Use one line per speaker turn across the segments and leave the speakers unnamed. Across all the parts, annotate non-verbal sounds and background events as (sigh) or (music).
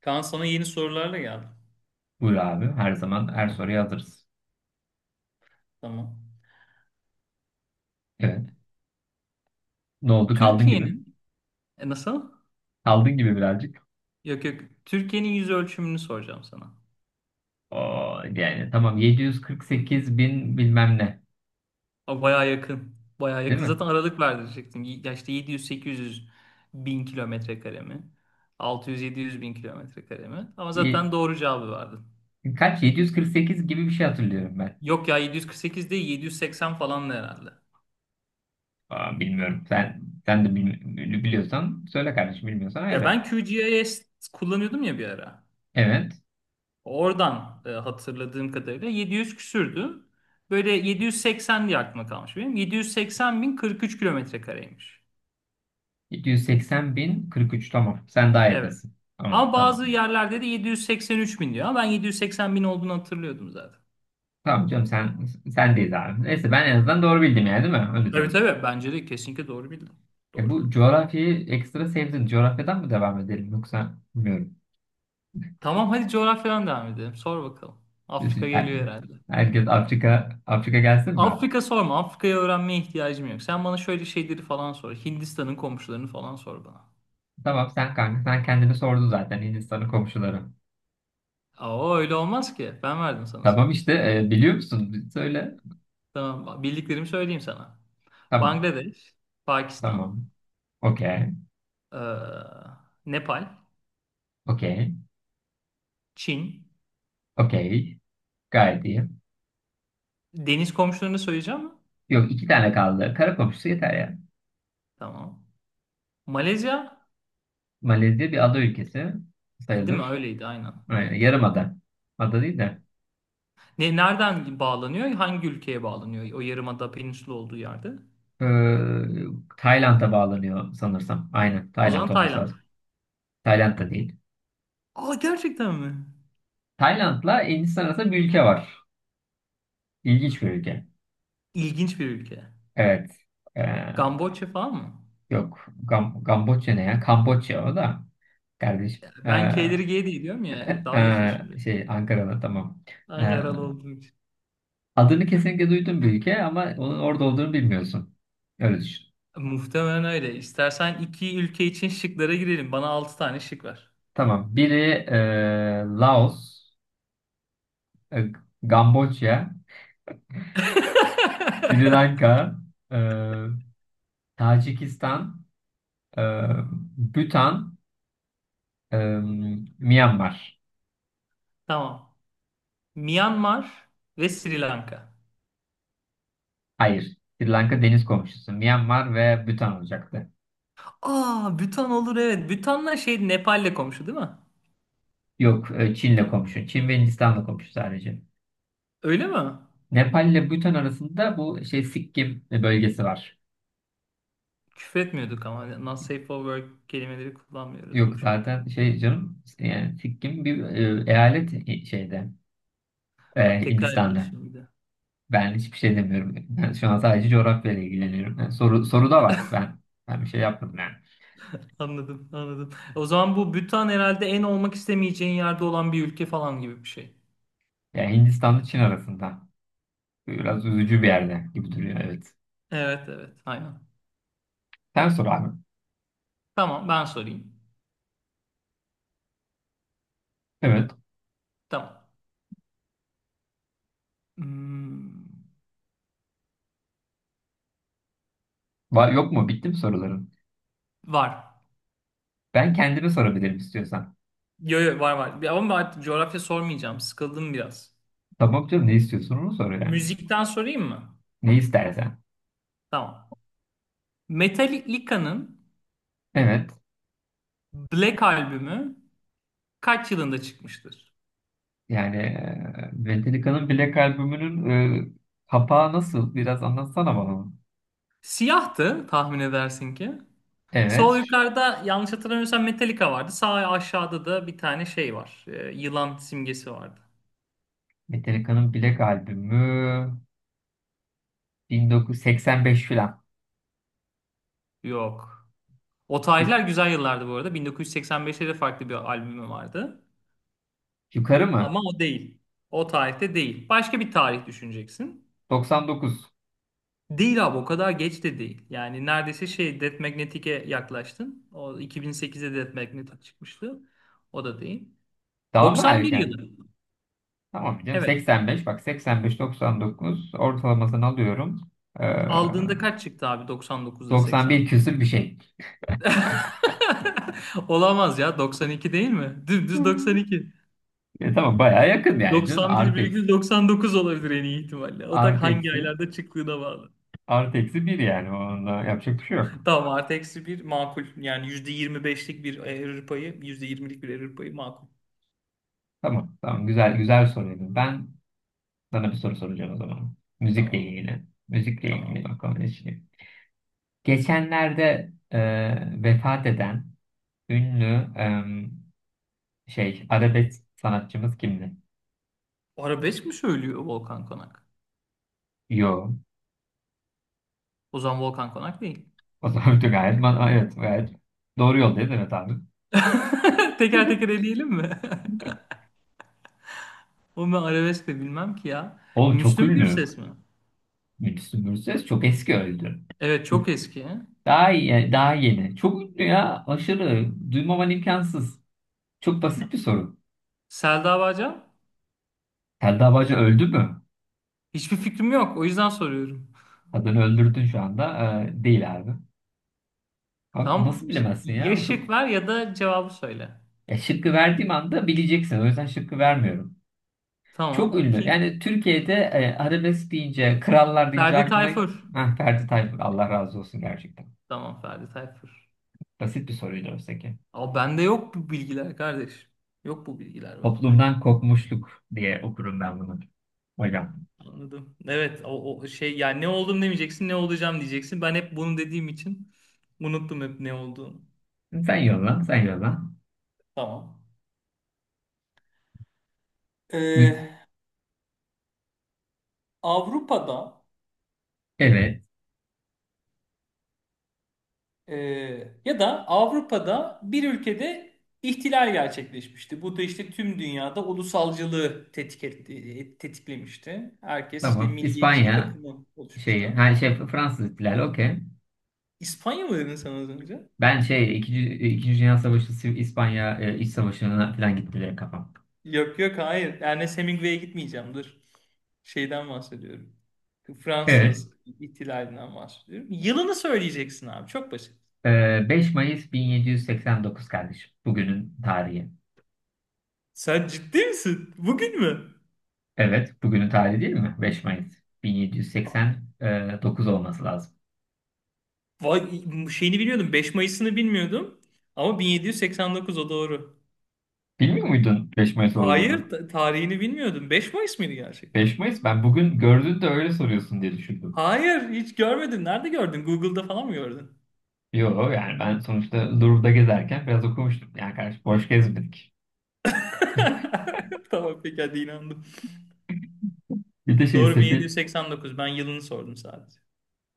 Kaan sana yeni sorularla geldim.
Buyur abi. Her zaman her soruya hazırız.
Tamam.
Evet. Ne oldu? Kaldın gibi.
Türkiye'nin nasıl?
Kaldın gibi birazcık.
Yok yok. Türkiye'nin yüz ölçümünü soracağım sana.
Oo, yani tamam 748 bin bilmem ne.
Aa, bayağı yakın. Bayağı
Değil
yakın.
mi?
Zaten aralık verdirecektim. Ya işte 700-800 bin kilometre kare mi? 600-700 bin kilometre kare mi? Ama
Y-
zaten doğru cevabı verdin.
Kaç? 748 gibi bir şey hatırlıyorum ben.
Yok ya 748 değil 780 falan da herhalde.
Aa, bilmiyorum. Sen de biliyorsan söyle kardeşim. Bilmiyorsan
Ya
ayrı.
ben QGIS kullanıyordum ya bir ara.
Evet.
Oradan hatırladığım kadarıyla 700 küsürdü. Böyle 780 diye aklıma kalmış benim. 780 bin 43 kilometre kareymiş.
780 bin 43 tamam. Sen daha
Evet.
yakınsın. Tamam
Ama bazı
tamam.
yerlerde de 783 bin diyor. Ama ben 780 bin olduğunu hatırlıyordum zaten.
Tamam canım sendeyiz abi. Neyse ben en azından doğru bildim yani değil mi? Öyle
Tabii
diyoruz.
tabii. Bence de kesinlikle doğru bildim.
E
Doğru
bu
bildim.
coğrafyayı ekstra sevdin. Coğrafyadan mı devam edelim yoksa bilmiyorum.
Tamam, hadi coğrafyadan devam edelim. Sor bakalım.
Biz-
Afrika
her-
geliyor herhalde.
Herkes Afrika Afrika gelsin mi?
Afrika sorma. Afrika'yı öğrenmeye ihtiyacım yok. Sen bana şöyle şeyleri falan sor. Hindistan'ın komşularını falan sor bana.
Tamam sen kanka sen kendini sordun zaten Hindistan'ın komşuları.
Aa, öyle olmaz ki. Ben verdim sana
Tamam
soruyu.
işte biliyor musun? Söyle.
Tamam, bildiklerimi söyleyeyim sana.
Tamam
Bangladeş, Pakistan,
tamam. Okey.
eee, Nepal,
Okey.
Çin.
Okey. Gayet iyi.
Deniz komşularını söyleyeceğim mi?
Yok iki tane kaldı. Kara komşusu yeter ya.
Tamam. Malezya,
Malezya bir ada ülkesi
değil mi?
sayılır.
Öyleydi, aynen.
Aynen,
Evet.
yarım ada. Ada değil de.
Nereden bağlanıyor? Hangi ülkeye bağlanıyor? O yarımada peninsula olduğu yerde.
Ee, Tayland'a bağlanıyor sanırsam. Aynen.
O
Tayland
zaman
olması
Tayland.
lazım. Tayland'da değil.
Aa, gerçekten mi?
Tayland'la Hindistan arasında bir ülke var. İlginç bir ülke.
İlginç bir ülke.
Evet. Ee,
Kamboçya falan mı?
yok. Kamboçya ne ya? Kamboçya o da. Kardeşim.
Ben K'leri G diye diyorum ya. Dalga geçmişim şimdi.
Ankara'da tamam. Ee,
Ankaralı olduğum için.
adını kesinlikle duydun bir ülke ama onun orada olduğunu bilmiyorsun. Öyle düşün.
Muhtemelen öyle. İstersen iki ülke için şıklara girelim. Bana altı tane şık ver.
Tamam. Biri Laos, e, Kamboçya, Sri
(laughs)
Lanka, ee, Tacikistan, ee, Bhutan, ee, Myanmar.
Tamam. Myanmar ve Sri Lanka.
Hayır. Sri Lanka deniz komşusu. Myanmar ve Bhutan olacaktı.
Aa, Bhutan olur evet. Bhutan'la şey Nepal'le komşu değil mi?
Yok, Çin'le komşu. Çin ve Hindistan'la komşu sadece.
Öyle mi?
Nepal ile Bhutan arasında bu şey Sikkim bölgesi var.
Küfretmiyorduk ama not safe for work kelimeleri kullanmıyoruz
Yok
bu şeyde.
zaten şey canım yani Sikkim bir eyalet
Bak, tekrar
Hindistan'da.
ediyorsun bir de.
Ben hiçbir şey demiyorum. Ben şu an sadece coğrafyayla ilgileniyorum. Yani soru soru da var. Ben bir şey yapmadım yani.
Anladım, anladım. O zaman bu Bhutan herhalde en olmak istemeyeceğin yerde olan bir ülke falan gibi bir şey.
Yani Hindistan'la Çin arasında. Biraz üzücü bir yerde gibi duruyor, evet.
Evet, evet, aynen.
Sen sor abi.
Tamam, ben sorayım.
Evet.
Tamam. Hmm.
Var, yok mu? Bitti mi soruların?
Var.
Ben kendime sorabilirim istiyorsan.
Yo, yo, var var. Ama artık coğrafya sormayacağım. Sıkıldım biraz.
Tamam canım, ne istiyorsun onu sor yani.
Müzikten sorayım mı?
Ne istersen.
Tamam. Metallica'nın
Evet.
Black albümü kaç yılında çıkmıştır?
Yani Metallica'nın Black albümünün kapağı nasıl? Biraz anlatsana bana onu.
Siyahtı, tahmin edersin ki.
Evet.
Sol yukarıda, yanlış hatırlamıyorsam, Metallica vardı. Sağ aşağıda da bir tane şey var. Yılan simgesi vardı.
Metallica'nın Black albümü 1985 falan.
Yok. O
Yu-
tarihler güzel yıllardı bu arada. 1985'te de farklı bir albümü vardı.
Yukarı mı?
Ama o değil. O tarihte değil. Başka bir tarih düşüneceksin.
99.
Değil abi, o kadar geç de değil. Yani neredeyse şey Death Magnetic'e yaklaştın. O, 2008'de Death Magnetic çıkmıştı. O da değil.
Daha mı
91
erken?
yılı.
Tamam canım
Evet.
85, bak, 85-99 ortalamasını alıyorum. Ee,
Aldığında kaç çıktı abi, 99'da
91
85?
küsür bir şey.
(laughs) Olamaz ya, 92 değil mi? Dümdüz
Hmm.
92.
Tamam bayağı yakın yani canım. Artı
91,99 olabilir en iyi ihtimalle. O da
Artı
hangi
eksi.
aylarda çıktığına bağlı.
Artı eksi bir yani. Onda yapacak bir şey yok.
Tamam, artı eksi bir makul. Yani %25'lik bir error payı, %20'lik bir error payı makul.
Tamam. Tamam. Güzel güzel soruydu. Ben sana bir soru soracağım o zaman. Müzikle
Tamam.
ilgili. Müzikle ilgili
Tamam.
bakalım ne şey. Geçenlerde vefat eden ünlü arabesk sanatçımız kimdi?
Arabesk mi söylüyor Volkan Konak?
Yo.
O zaman Volkan Konak değil.
O zaman (laughs) da gayet, evet, gayet doğru yoldayız, evet abi.
(laughs) Teker teker eleyelim mi? (laughs) Onu ben arabesk de bilmem ki ya.
Oğlum çok
Müslüm
ünlü.
Gürses mi?
Müslüm Gürses çok eski öldü.
Evet,
Bu
çok eski.
daha iyi, yani daha yeni. Çok ünlü ya. Aşırı. Duymaman imkansız. Çok basit bir soru.
Selda Bağcan?
Selda Bağcı öldü mü?
Hiçbir fikrim yok. O yüzden soruyorum.
Kadını öldürdün şu anda. Değil abi. Abi nasıl
Tamam.
bilemezsin
Ya
ya?
şık
Çok.
ver ya da cevabı söyle.
Ya şıkkı verdiğim anda bileceksin. O yüzden şıkkı vermiyorum. Çok
Tamam.
ünlü.
Kim?
Yani Türkiye'de arabesk deyince, krallar deyince
Ferdi
aklına...
Tayfur.
Heh, Ferdi Tayfur. Allah razı olsun gerçekten.
Tamam, Ferdi Tayfur.
Basit bir soruydu oysa ki.
Ama bende yok bu bilgiler kardeş. Yok bu bilgiler bende.
Toplumdan kopmuşluk diye okurum ben bunu. Hocam.
Anladım. Evet, o şey yani, ne oldum demeyeceksin, ne olacağım diyeceksin. Ben hep bunu dediğim için unuttum hep ne olduğumu.
Sen yolla, sen yolla.
Tamam.
Mü-
Ee, Avrupa'da
Evet.
e, ya da Avrupa'da bir ülkede ihtilal gerçekleşmişti. Bu da işte tüm dünyada ulusalcılığı tetiklemişti. Herkes işte
Tamam.
milliyetçilik
İspanya
akımı
şeyi,
oluşmuştu.
her şey Fransız ihtilali, okey.
İspanya mı dedin sen az önce?
Ben şey ikinci Dünya Savaşı, İspanya İç Savaşı'na falan gitti direkt kafam.
Yok yok, hayır. Ernest Hemingway'e gitmeyeceğim. Dur. Şeyden bahsediyorum.
Evet.
Fransız ihtilalinden bahsediyorum. Yılını söyleyeceksin abi. Çok basit.
E, 5 Mayıs 1789 kardeşim. Bugünün tarihi.
Sen ciddi misin? Bugün mü?
Evet. Bugünün tarihi değil mi? 5 Mayıs 1789 olması lazım.
Vay, şeyini biliyordum, 5 Mayıs'ını bilmiyordum. Ama 1789 o doğru.
Bilmiyor muydun 5 Mayıs
Hayır,
olduğunu?
tarihini bilmiyordum. 5 Mayıs mıydı gerçekten?
5 Mayıs, ben bugün gördün de öyle soruyorsun diye düşündüm.
Hayır, hiç görmedin. Nerede gördün? Google'da falan mı gördün?
Yok yani ben sonuçta Louvre'da gezerken biraz okumuştum. Yani kardeş, boş gezmedik.
(laughs) Tamam peki, hadi inandım.
Bir de
Doğru,
sefil,
1789. Ben yılını sordum sadece.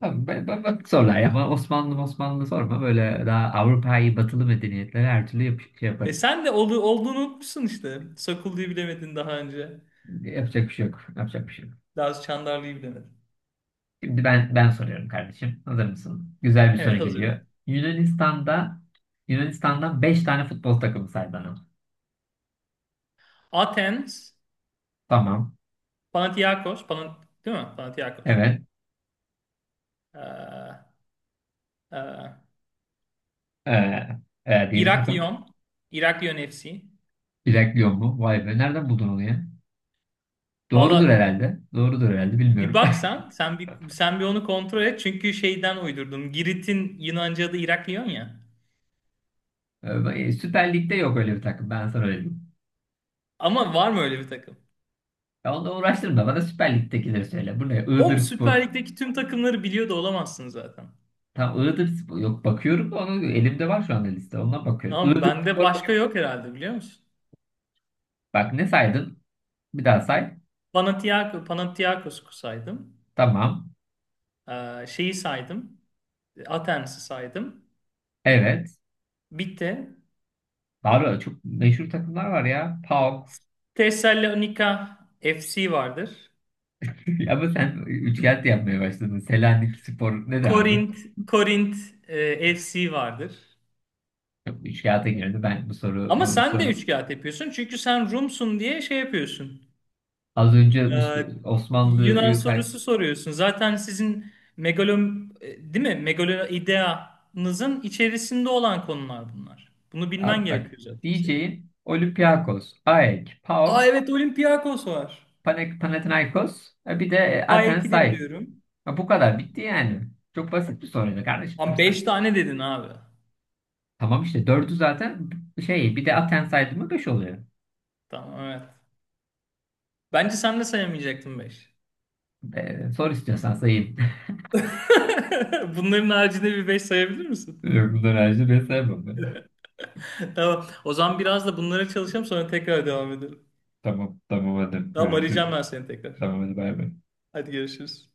tamam, bak sorular ama Osmanlı Osmanlı sorma, böyle daha Avrupa'yı batılı medeniyetlere her türlü yap
E
yaparım.
sen de olduğunu unutmuşsun işte. Sakullu'yu bilemedin daha önce.
Yapacak bir şey yok. Yapacak bir şey yok.
Daha Çandarlı'yı bilemedin.
Şimdi ben soruyorum kardeşim. Hazır mısın? Güzel bir soru
Evet,
geliyor.
hazırım.
Yunanistan'da Yunanistan'dan 5 tane futbol takımı say bana.
Athens,
Tamam.
Panathinaikos, değil mi? Panathinaikos.
Evet.
Ee, e,
Ee, diye bir takım.
Iraklion, Iraklion FC.
Bilekliyor mu? Vay be. Nereden buldun onu ya? Doğrudur
Valla
herhalde. Doğrudur herhalde.
bir
Bilmiyorum. (laughs)
baksan sen bir, onu kontrol et. Çünkü şeyden uydurdum. Girit'in Yunanca adı Iraklion ya.
Süper Lig'de yok öyle bir takım. Ben sana öyle diyeyim.
Ama var mı öyle bir takım?
Ya onunla uğraştırma. Bana Süper Lig'dekileri söyle. Bu ne?
Oğlum, Süper
Iğdırspor.
Lig'deki tüm takımları biliyor da olamazsın zaten.
Tam Iğdırspor. Yok, bakıyorum da onu, elimde var şu anda liste. Ondan bakıyorum.
Tamam mı? Bende
Iğdırspor.
başka yok herhalde, biliyor musun?
Bak ne saydın? Bir daha say.
Panathinaikos'u saydım.
Tamam.
Şeyi saydım. Athens'i saydım.
Evet.
Bitti.
Var ya, çok meşhur takımlar var ya. PAOK.
Thessalonica FC vardır.
(laughs) Ama sen üçkağıt yapmaya başladın. Selanik Spor ne derdi abi?
Korint, Korint FC vardır.
Yok, üçkağıta girdi. Ben
Ama
bu
sen de
soru.
üç kağıt yapıyorsun. Çünkü sen Rumsun diye şey yapıyorsun.
Az önce
Ee, Yunan
Osmanlı'yı kay...
sorusu soruyorsun. Zaten sizin değil mi? Megaloideanızın içerisinde olan konular bunlar. Bunu bilmen
Abi bak,
gerekiyor zaten senin.
diyeceğin Olympiakos, AEK,
Aa,
PAOK,
evet, Olympiakos var.
Panathinaikos. Bir de
Pay 2 de
Athensay.
biliyorum.
Ya bu kadar. Bitti yani. Çok basit bir soruydu kardeşim. Hani
Ama 5 tane dedin abi.
Tamam işte. Dördü zaten. Bir de Athensay'dı mı beş oluyor.
Tamam, evet. Bence sen de sayamayacaktın 5.
Sor istiyorsan sayayım.
(laughs) Bunların haricinde bir 5 sayabilir
(laughs)
misin?
Yok, bunları ayrıca ben sevmem ben.
(laughs) Tamam. O zaman biraz da bunlara çalışalım, sonra tekrar devam edelim.
Tamam, tamam hadi
Tamam,
görüşürüz.
arayacağım ben seni tekrar.
Tamam hadi bay bay.
Hadi görüşürüz.